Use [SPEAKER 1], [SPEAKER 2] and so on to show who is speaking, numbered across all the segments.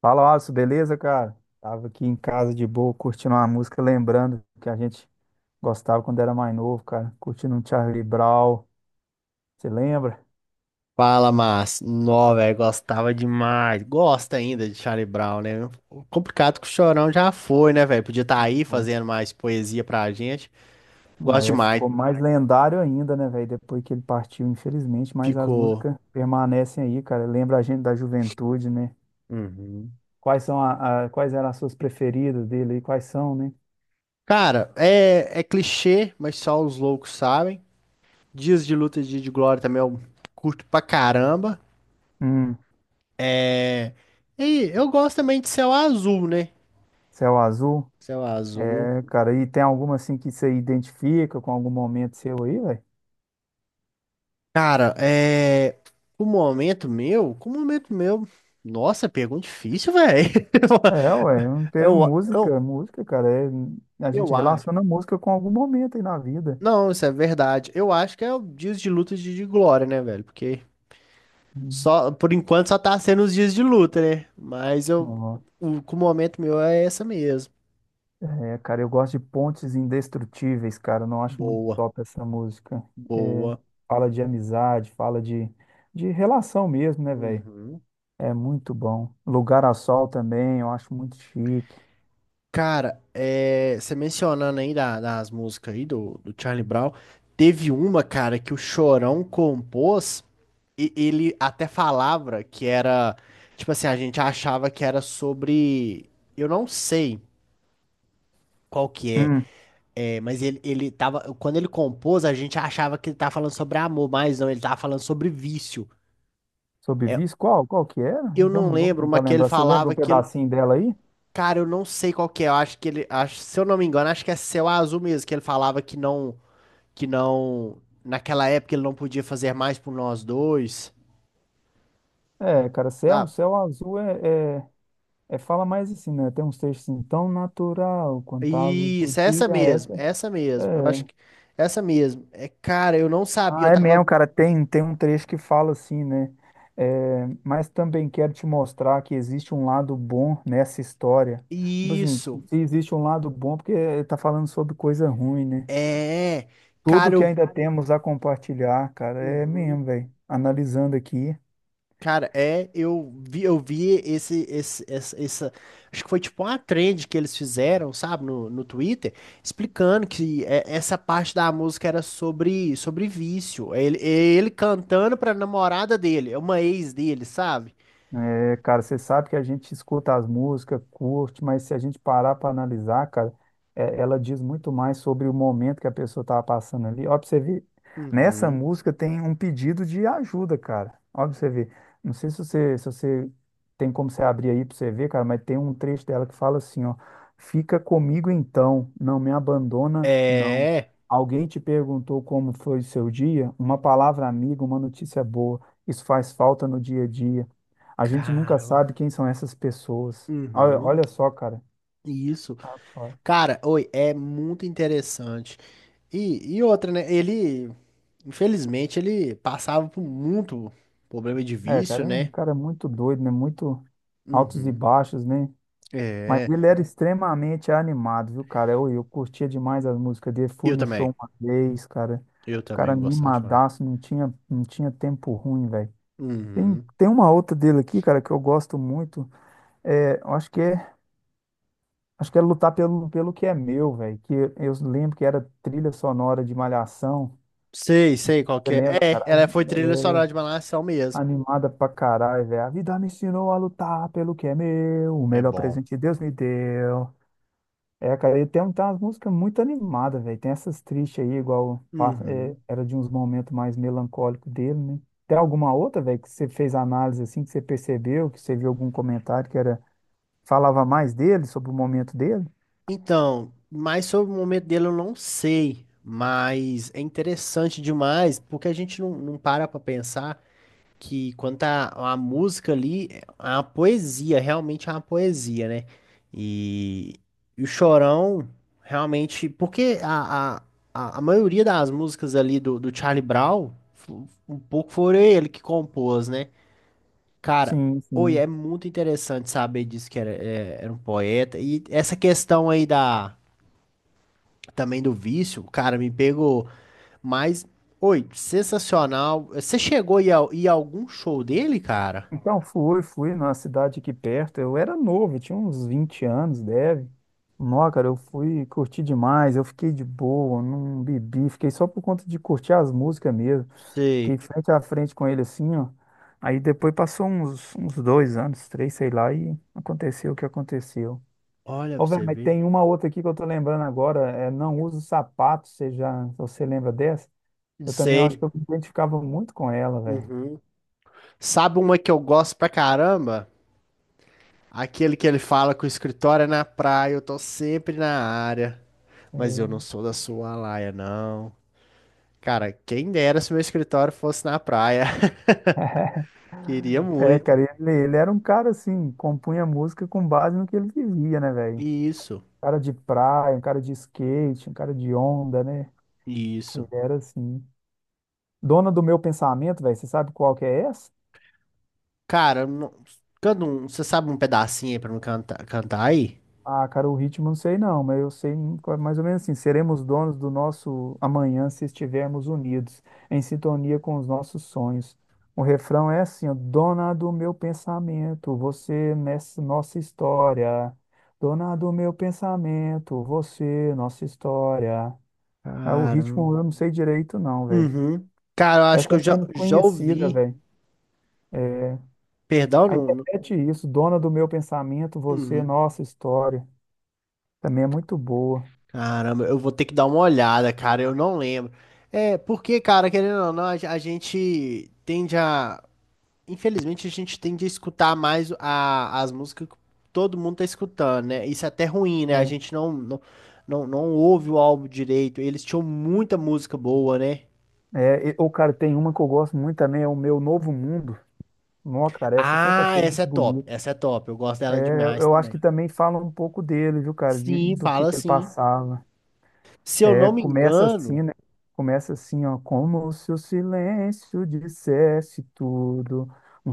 [SPEAKER 1] Fala, Alisson, beleza, cara? Tava aqui em casa de boa, curtindo uma música, lembrando que a gente gostava quando era mais novo, cara. Curtindo um Charlie Brown, você lembra?
[SPEAKER 2] Fala, mas, nó, velho, gostava demais. Gosta ainda de Charlie Brown, né? O complicado que o Chorão já foi, né, velho? Podia estar aí
[SPEAKER 1] Pô,
[SPEAKER 2] fazendo mais poesia pra gente. Gosto
[SPEAKER 1] é,
[SPEAKER 2] demais.
[SPEAKER 1] ficou mais lendário ainda, né, velho? Depois que ele partiu, infelizmente, mas as
[SPEAKER 2] Ficou.
[SPEAKER 1] músicas permanecem aí, cara. Lembra a gente da juventude, né?
[SPEAKER 2] Uhum.
[SPEAKER 1] Quais são quais eram as suas preferidas dele aí? Quais são, né?
[SPEAKER 2] Cara, é clichê, mas só os loucos sabem. Dias de Luta e Dia de Glória também eu curto pra caramba.
[SPEAKER 1] Hum.
[SPEAKER 2] É. E eu gosto também de Céu Azul, né?
[SPEAKER 1] Céu Azul.
[SPEAKER 2] Céu Azul.
[SPEAKER 1] É, cara, e tem alguma assim que você identifica com algum momento seu aí, velho?
[SPEAKER 2] Cara, é. O momento meu, com o momento meu. Nossa, pergunta difícil, velho.
[SPEAKER 1] É, ué, é um ter
[SPEAKER 2] Eu,
[SPEAKER 1] música,
[SPEAKER 2] eu,
[SPEAKER 1] música, cara, a
[SPEAKER 2] eu
[SPEAKER 1] gente
[SPEAKER 2] acho.
[SPEAKER 1] relaciona música com algum momento aí na vida.
[SPEAKER 2] Não, isso é verdade. Eu acho que é o dias de luta e dias de glória, né, velho? Porque
[SPEAKER 1] Hum,
[SPEAKER 2] só, por enquanto só tá sendo os dias de luta, né? Mas eu,
[SPEAKER 1] ó.
[SPEAKER 2] o, com o momento meu é essa mesmo.
[SPEAKER 1] É, cara, eu gosto de Pontes Indestrutíveis, cara, eu não acho muito
[SPEAKER 2] Boa,
[SPEAKER 1] top essa música. É,
[SPEAKER 2] boa.
[SPEAKER 1] fala de amizade, fala de relação mesmo, né, velho?
[SPEAKER 2] Uhum.
[SPEAKER 1] É muito bom. Lugar ao Sol também, eu acho muito chique.
[SPEAKER 2] Cara, é, você mencionando aí das músicas aí do Charlie Brown, teve uma, cara, que o Chorão compôs e ele até falava que era, tipo assim, a gente achava que era sobre, eu não sei qual que é,
[SPEAKER 1] Hum.
[SPEAKER 2] é, mas ele tava, quando ele compôs, a gente achava que ele tava falando sobre amor, mas não, ele tava falando sobre vício.
[SPEAKER 1] Sob
[SPEAKER 2] É,
[SPEAKER 1] Vice, qual que era?
[SPEAKER 2] eu não
[SPEAKER 1] Vamos
[SPEAKER 2] lembro,
[SPEAKER 1] tentar
[SPEAKER 2] mas que ele
[SPEAKER 1] lembrar. Você lembra
[SPEAKER 2] falava
[SPEAKER 1] um
[SPEAKER 2] que ele,
[SPEAKER 1] pedacinho dela aí?
[SPEAKER 2] cara, eu não sei qual que é. Eu acho que ele. Acho, se eu não me engano, acho que é Céu Azul mesmo, que ele falava que não. Que não. Naquela época ele não podia fazer mais por nós dois,
[SPEAKER 1] É, cara, Céu,
[SPEAKER 2] sabe?
[SPEAKER 1] Céu Azul é, é. É, fala mais assim, né? Tem uns textos assim, tão natural quanto a luz do
[SPEAKER 2] Isso, é
[SPEAKER 1] dia,
[SPEAKER 2] essa mesmo,
[SPEAKER 1] essa.
[SPEAKER 2] é essa mesmo. Eu acho
[SPEAKER 1] É.
[SPEAKER 2] que é essa mesmo. É, cara, eu não sabia, eu
[SPEAKER 1] Ah, é mesmo,
[SPEAKER 2] tava.
[SPEAKER 1] cara. Tem um trecho que fala assim, né? É, mas também quero te mostrar que existe um lado bom nessa história. Tipo assim,
[SPEAKER 2] Isso,
[SPEAKER 1] se existe um lado bom, é porque tá falando sobre coisa ruim, né?
[SPEAKER 2] é.
[SPEAKER 1] Tudo
[SPEAKER 2] Cara,
[SPEAKER 1] que
[SPEAKER 2] eu.
[SPEAKER 1] ainda temos a compartilhar, cara, é
[SPEAKER 2] Uhum.
[SPEAKER 1] mesmo, velho. Analisando aqui.
[SPEAKER 2] Cara, é, eu vi acho que foi tipo uma trend que eles fizeram, sabe, no Twitter, explicando que é, essa parte da música era sobre, sobre vício. É ele, é ele cantando pra namorada dele, é uma ex dele, sabe?
[SPEAKER 1] É, cara, você sabe que a gente escuta as músicas, curte, mas se a gente parar para analisar, cara, é, ela diz muito mais sobre o momento que a pessoa estava passando ali. Ó, pra você ver, nessa
[SPEAKER 2] Uhum.
[SPEAKER 1] música tem um pedido de ajuda, cara. Ó, pra você ver. Não sei se você tem como você abrir aí para você ver, cara, mas tem um trecho dela que fala assim, ó, fica comigo então, não me abandona, não.
[SPEAKER 2] É,
[SPEAKER 1] Alguém te perguntou como foi o seu dia? Uma palavra amiga, uma notícia boa. Isso faz falta no dia a dia. A gente nunca
[SPEAKER 2] cara,
[SPEAKER 1] sabe quem são essas pessoas. Olha,
[SPEAKER 2] uhum,
[SPEAKER 1] olha só, cara.
[SPEAKER 2] isso.
[SPEAKER 1] Olha.
[SPEAKER 2] Cara, oi, é muito interessante. E outra, né? Ele, infelizmente, ele passava por muito problema de
[SPEAKER 1] É,
[SPEAKER 2] vício,
[SPEAKER 1] cara, é um
[SPEAKER 2] né?
[SPEAKER 1] cara muito doido, né? Muito altos e
[SPEAKER 2] Uhum.
[SPEAKER 1] baixos, né? Mas
[SPEAKER 2] É,
[SPEAKER 1] ele era extremamente animado, viu, cara? Eu curtia demais as músicas dele. Fui
[SPEAKER 2] eu
[SPEAKER 1] no
[SPEAKER 2] também.
[SPEAKER 1] show uma vez, cara.
[SPEAKER 2] Eu
[SPEAKER 1] O cara
[SPEAKER 2] também gostava demais.
[SPEAKER 1] animadaço, não tinha tempo ruim, velho. Tem,
[SPEAKER 2] Uhum.
[SPEAKER 1] tem uma outra dele aqui, cara, que eu gosto muito. É, eu acho que é Lutar pelo que é meu, velho. Que eu lembro que era trilha sonora de Malhação.
[SPEAKER 2] Sei qual
[SPEAKER 1] Você
[SPEAKER 2] que é.
[SPEAKER 1] lembra,
[SPEAKER 2] É,
[SPEAKER 1] cara?
[SPEAKER 2] ela foi trilha
[SPEAKER 1] É,
[SPEAKER 2] sonora de Malhação mesmo.
[SPEAKER 1] animada pra caralho, velho. A vida me ensinou a lutar pelo que é meu. O
[SPEAKER 2] É
[SPEAKER 1] melhor
[SPEAKER 2] bom.
[SPEAKER 1] presente que Deus me deu. É, cara, e tem, um, tem umas músicas muito animadas, velho. Tem essas tristes aí, é,
[SPEAKER 2] Uhum.
[SPEAKER 1] era de uns momentos mais melancólicos dele, né? Tem alguma outra, velho, que você fez análise assim, que você percebeu, que você viu algum comentário que era falava mais dele, sobre o momento dele?
[SPEAKER 2] Então, mais sobre o momento dele eu não sei, mas é interessante demais porque a gente não para pra pensar. Que quanto à música ali, é uma poesia, realmente é uma poesia, né? E, e o Chorão, realmente, porque a maioria das músicas ali do Charlie Brown, um pouco foi ele que compôs, né? Cara,
[SPEAKER 1] Sim,
[SPEAKER 2] oi, é
[SPEAKER 1] sim.
[SPEAKER 2] muito interessante saber disso que era, era um poeta. E essa questão aí da, também do vício, cara, me pegou, mas oi, sensacional. Você chegou a ir a algum show dele, cara?
[SPEAKER 1] Então, fui numa cidade aqui perto. Eu era novo, eu tinha uns 20 anos, deve. Nó, cara, eu fui curti demais, eu fiquei de boa, não bebi, fiquei só por conta de curtir as músicas mesmo. Fiquei
[SPEAKER 2] Sei.
[SPEAKER 1] frente a frente com ele assim, ó. Aí depois passou uns 2 anos, três, sei lá, e aconteceu o que aconteceu.
[SPEAKER 2] Olha pra
[SPEAKER 1] Ô, velho,
[SPEAKER 2] você
[SPEAKER 1] mas
[SPEAKER 2] ver.
[SPEAKER 1] tem uma outra aqui que eu tô lembrando agora, é Não Uso Sapato, você lembra dessa? Eu também acho que
[SPEAKER 2] Sei.
[SPEAKER 1] eu me identificava muito com ela, velho.
[SPEAKER 2] Uhum. Sabe uma que eu gosto pra caramba? Aquele que ele fala que o escritório é na praia, eu tô sempre na área. Mas eu não
[SPEAKER 1] Eu-
[SPEAKER 2] sou da sua laia, não. Cara, quem dera se meu escritório fosse na praia. Queria
[SPEAKER 1] É,
[SPEAKER 2] muito.
[SPEAKER 1] cara, ele era um cara assim, compunha música com base no que ele vivia, né, velho? Um
[SPEAKER 2] Isso,
[SPEAKER 1] cara de praia, um cara de skate, um cara de onda, né? Ele
[SPEAKER 2] isso.
[SPEAKER 1] era assim. Dona do meu pensamento, velho, você sabe qual que é essa?
[SPEAKER 2] Cara, não... você sabe um pedacinho aí pra me cantar, cantar aí?
[SPEAKER 1] Ah, cara, o ritmo não sei não, mas eu sei mais ou menos assim, seremos donos do nosso amanhã se estivermos unidos, em sintonia com os nossos sonhos. O refrão é assim, ó, dona do meu pensamento, você nessa nossa história. Dona do meu pensamento, você nossa história. Ah, o
[SPEAKER 2] Caramba.
[SPEAKER 1] ritmo eu não sei direito não, velho.
[SPEAKER 2] Uhum. Cara, eu acho que
[SPEAKER 1] Essa é menos
[SPEAKER 2] já
[SPEAKER 1] conhecida,
[SPEAKER 2] ouvi.
[SPEAKER 1] velho. É,
[SPEAKER 2] Perdão,
[SPEAKER 1] aí
[SPEAKER 2] não. Não.
[SPEAKER 1] repete isso, dona do meu pensamento, você
[SPEAKER 2] Uhum.
[SPEAKER 1] nossa história. Também é muito boa.
[SPEAKER 2] Caramba, eu vou ter que dar uma olhada, cara, eu não lembro. É, porque, cara, querendo ou não, a gente tende a. Infelizmente, a gente tende a escutar mais as músicas que todo mundo tá escutando, né? Isso é até ruim, né? A
[SPEAKER 1] É.
[SPEAKER 2] gente não ouve o álbum direito. Eles tinham muita música boa, né?
[SPEAKER 1] É, ou, cara, tem uma que eu gosto muito também, é o Meu Novo Mundo. Nossa, cara, essa eu sempre
[SPEAKER 2] Ah,
[SPEAKER 1] achei muito bonita.
[SPEAKER 2] essa é top, eu gosto dela
[SPEAKER 1] É,
[SPEAKER 2] demais
[SPEAKER 1] eu acho que
[SPEAKER 2] também.
[SPEAKER 1] também fala um pouco dele, viu, cara,
[SPEAKER 2] Sim,
[SPEAKER 1] do
[SPEAKER 2] fala
[SPEAKER 1] que ele
[SPEAKER 2] sim.
[SPEAKER 1] passava.
[SPEAKER 2] Se eu não me
[SPEAKER 1] Começa
[SPEAKER 2] engano.
[SPEAKER 1] assim, né? Começa assim, ó, como se o silêncio dissesse tudo, um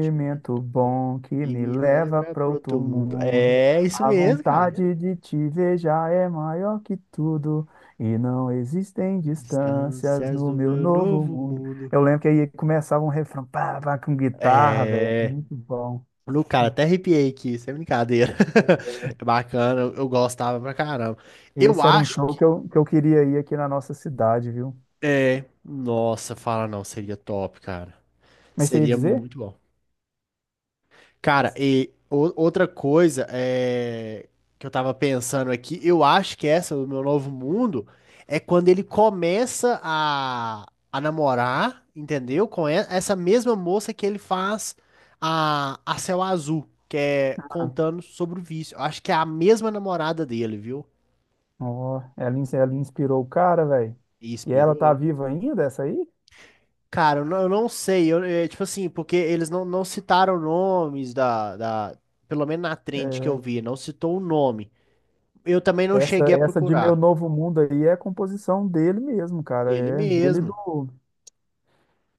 [SPEAKER 2] Te meto bom
[SPEAKER 1] bom que
[SPEAKER 2] e
[SPEAKER 1] me
[SPEAKER 2] me
[SPEAKER 1] leva
[SPEAKER 2] lembra
[SPEAKER 1] para
[SPEAKER 2] pro
[SPEAKER 1] outro
[SPEAKER 2] outro mundo.
[SPEAKER 1] mundo.
[SPEAKER 2] É isso
[SPEAKER 1] A
[SPEAKER 2] mesmo, cara.
[SPEAKER 1] vontade de te ver já é maior que tudo, e não existem distâncias
[SPEAKER 2] Distâncias
[SPEAKER 1] no
[SPEAKER 2] do
[SPEAKER 1] meu
[SPEAKER 2] meu
[SPEAKER 1] novo
[SPEAKER 2] novo
[SPEAKER 1] mundo.
[SPEAKER 2] mundo.
[SPEAKER 1] Eu lembro que aí começava um refrão, pá, pá, com guitarra, velho, era
[SPEAKER 2] É.
[SPEAKER 1] muito bom.
[SPEAKER 2] No cara, até arrepiei aqui, sem brincadeira. É bacana, eu gostava pra caramba. Eu
[SPEAKER 1] Esse era um
[SPEAKER 2] acho
[SPEAKER 1] show
[SPEAKER 2] que.
[SPEAKER 1] que eu queria ir aqui na nossa cidade, viu?
[SPEAKER 2] É. Nossa, fala não, seria top, cara.
[SPEAKER 1] Mas você ia
[SPEAKER 2] Seria
[SPEAKER 1] dizer?
[SPEAKER 2] muito bom. Cara, e outra coisa é, que eu tava pensando aqui, eu acho que essa do Meu Novo Mundo é quando ele começa a namorar, entendeu? Com essa mesma moça que ele faz a Céu Azul, que é contando sobre o vício. Eu acho que é a mesma namorada dele, viu?
[SPEAKER 1] Ó, ela inspirou o cara, velho. E ela tá
[SPEAKER 2] Inspirou.
[SPEAKER 1] viva ainda, essa aí?
[SPEAKER 2] Cara, eu não sei, eu, é, tipo assim, porque eles não citaram nomes pelo menos na trend que eu
[SPEAKER 1] É,
[SPEAKER 2] vi, não citou o nome. Eu também não
[SPEAKER 1] essa,
[SPEAKER 2] cheguei a
[SPEAKER 1] essa de Meu
[SPEAKER 2] procurar.
[SPEAKER 1] Novo Mundo aí é a composição dele mesmo, cara.
[SPEAKER 2] Ele
[SPEAKER 1] É
[SPEAKER 2] mesmo.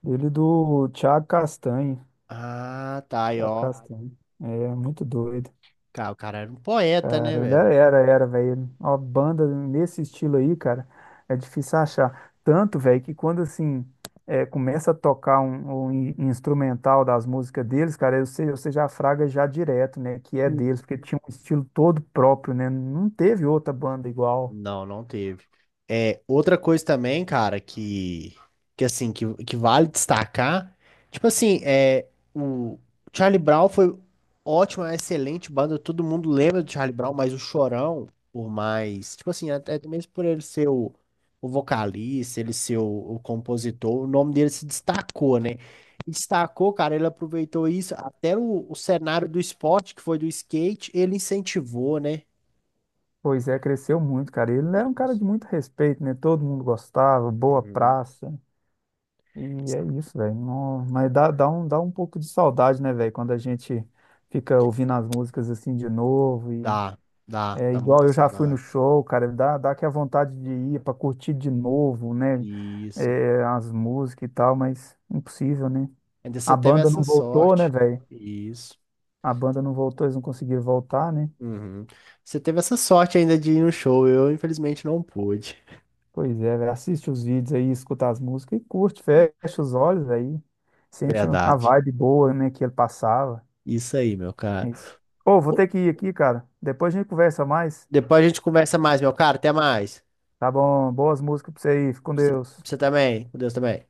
[SPEAKER 1] dele e do Thiago Castanho.
[SPEAKER 2] Ah, tá aí,
[SPEAKER 1] Thiago
[SPEAKER 2] ó.
[SPEAKER 1] Castanho. É muito doido.
[SPEAKER 2] Cara, o cara era um poeta, né,
[SPEAKER 1] Cara, ele
[SPEAKER 2] velho?
[SPEAKER 1] era, velho. Uma banda nesse estilo aí, cara, é difícil achar. Tanto, velho, que quando assim é, começa a tocar um, instrumental das músicas deles, cara, você já fraga já direto, né? Que é deles, porque tinha um estilo todo próprio, né? Não teve outra banda igual.
[SPEAKER 2] Não, não teve. É, outra coisa também, cara, que assim, que vale destacar, tipo assim, é, o Charlie Brown foi ótimo, é uma excelente banda, todo mundo lembra do Charlie Brown, mas o Chorão, por mais, tipo assim, até mesmo por ele ser o vocalista, ele ser o compositor, o nome dele se destacou, né? E destacou, cara, ele aproveitou isso, até o cenário do esporte, que foi do skate, ele incentivou, né?
[SPEAKER 1] Pois é, cresceu muito, cara. Ele era um cara
[SPEAKER 2] Isso.
[SPEAKER 1] de muito respeito, né? Todo mundo gostava, boa
[SPEAKER 2] Uhum.
[SPEAKER 1] praça. E é isso, velho. Mas dá, dá um pouco de saudade, né, velho? Quando a gente fica ouvindo as músicas assim de novo. E
[SPEAKER 2] Dá,
[SPEAKER 1] é
[SPEAKER 2] dá
[SPEAKER 1] igual
[SPEAKER 2] muita
[SPEAKER 1] eu já fui no
[SPEAKER 2] saudade.
[SPEAKER 1] show, cara. Dá que a vontade de ir pra curtir de novo, né?
[SPEAKER 2] Isso.
[SPEAKER 1] É, as músicas e tal, mas impossível, né?
[SPEAKER 2] Ainda
[SPEAKER 1] A
[SPEAKER 2] você teve
[SPEAKER 1] banda
[SPEAKER 2] essa
[SPEAKER 1] não voltou, né,
[SPEAKER 2] sorte.
[SPEAKER 1] velho?
[SPEAKER 2] Isso.
[SPEAKER 1] A banda não voltou, eles não conseguiram voltar, né?
[SPEAKER 2] Uhum. Você teve essa sorte ainda de ir no show. Eu, infelizmente, não pude.
[SPEAKER 1] Pois é, velho. Assiste os vídeos aí, escuta as músicas e curte, fecha os olhos aí. Sente a
[SPEAKER 2] Verdade.
[SPEAKER 1] vibe boa, né, que ele passava.
[SPEAKER 2] Isso aí, meu cara.
[SPEAKER 1] Isso. Ô, vou
[SPEAKER 2] Pô,
[SPEAKER 1] ter que ir aqui, cara. Depois a gente conversa mais.
[SPEAKER 2] depois a gente conversa mais, meu cara. Até mais.
[SPEAKER 1] Tá bom? Boas músicas pra você aí. Fica com
[SPEAKER 2] Você,
[SPEAKER 1] Deus.
[SPEAKER 2] você também. Com Deus também.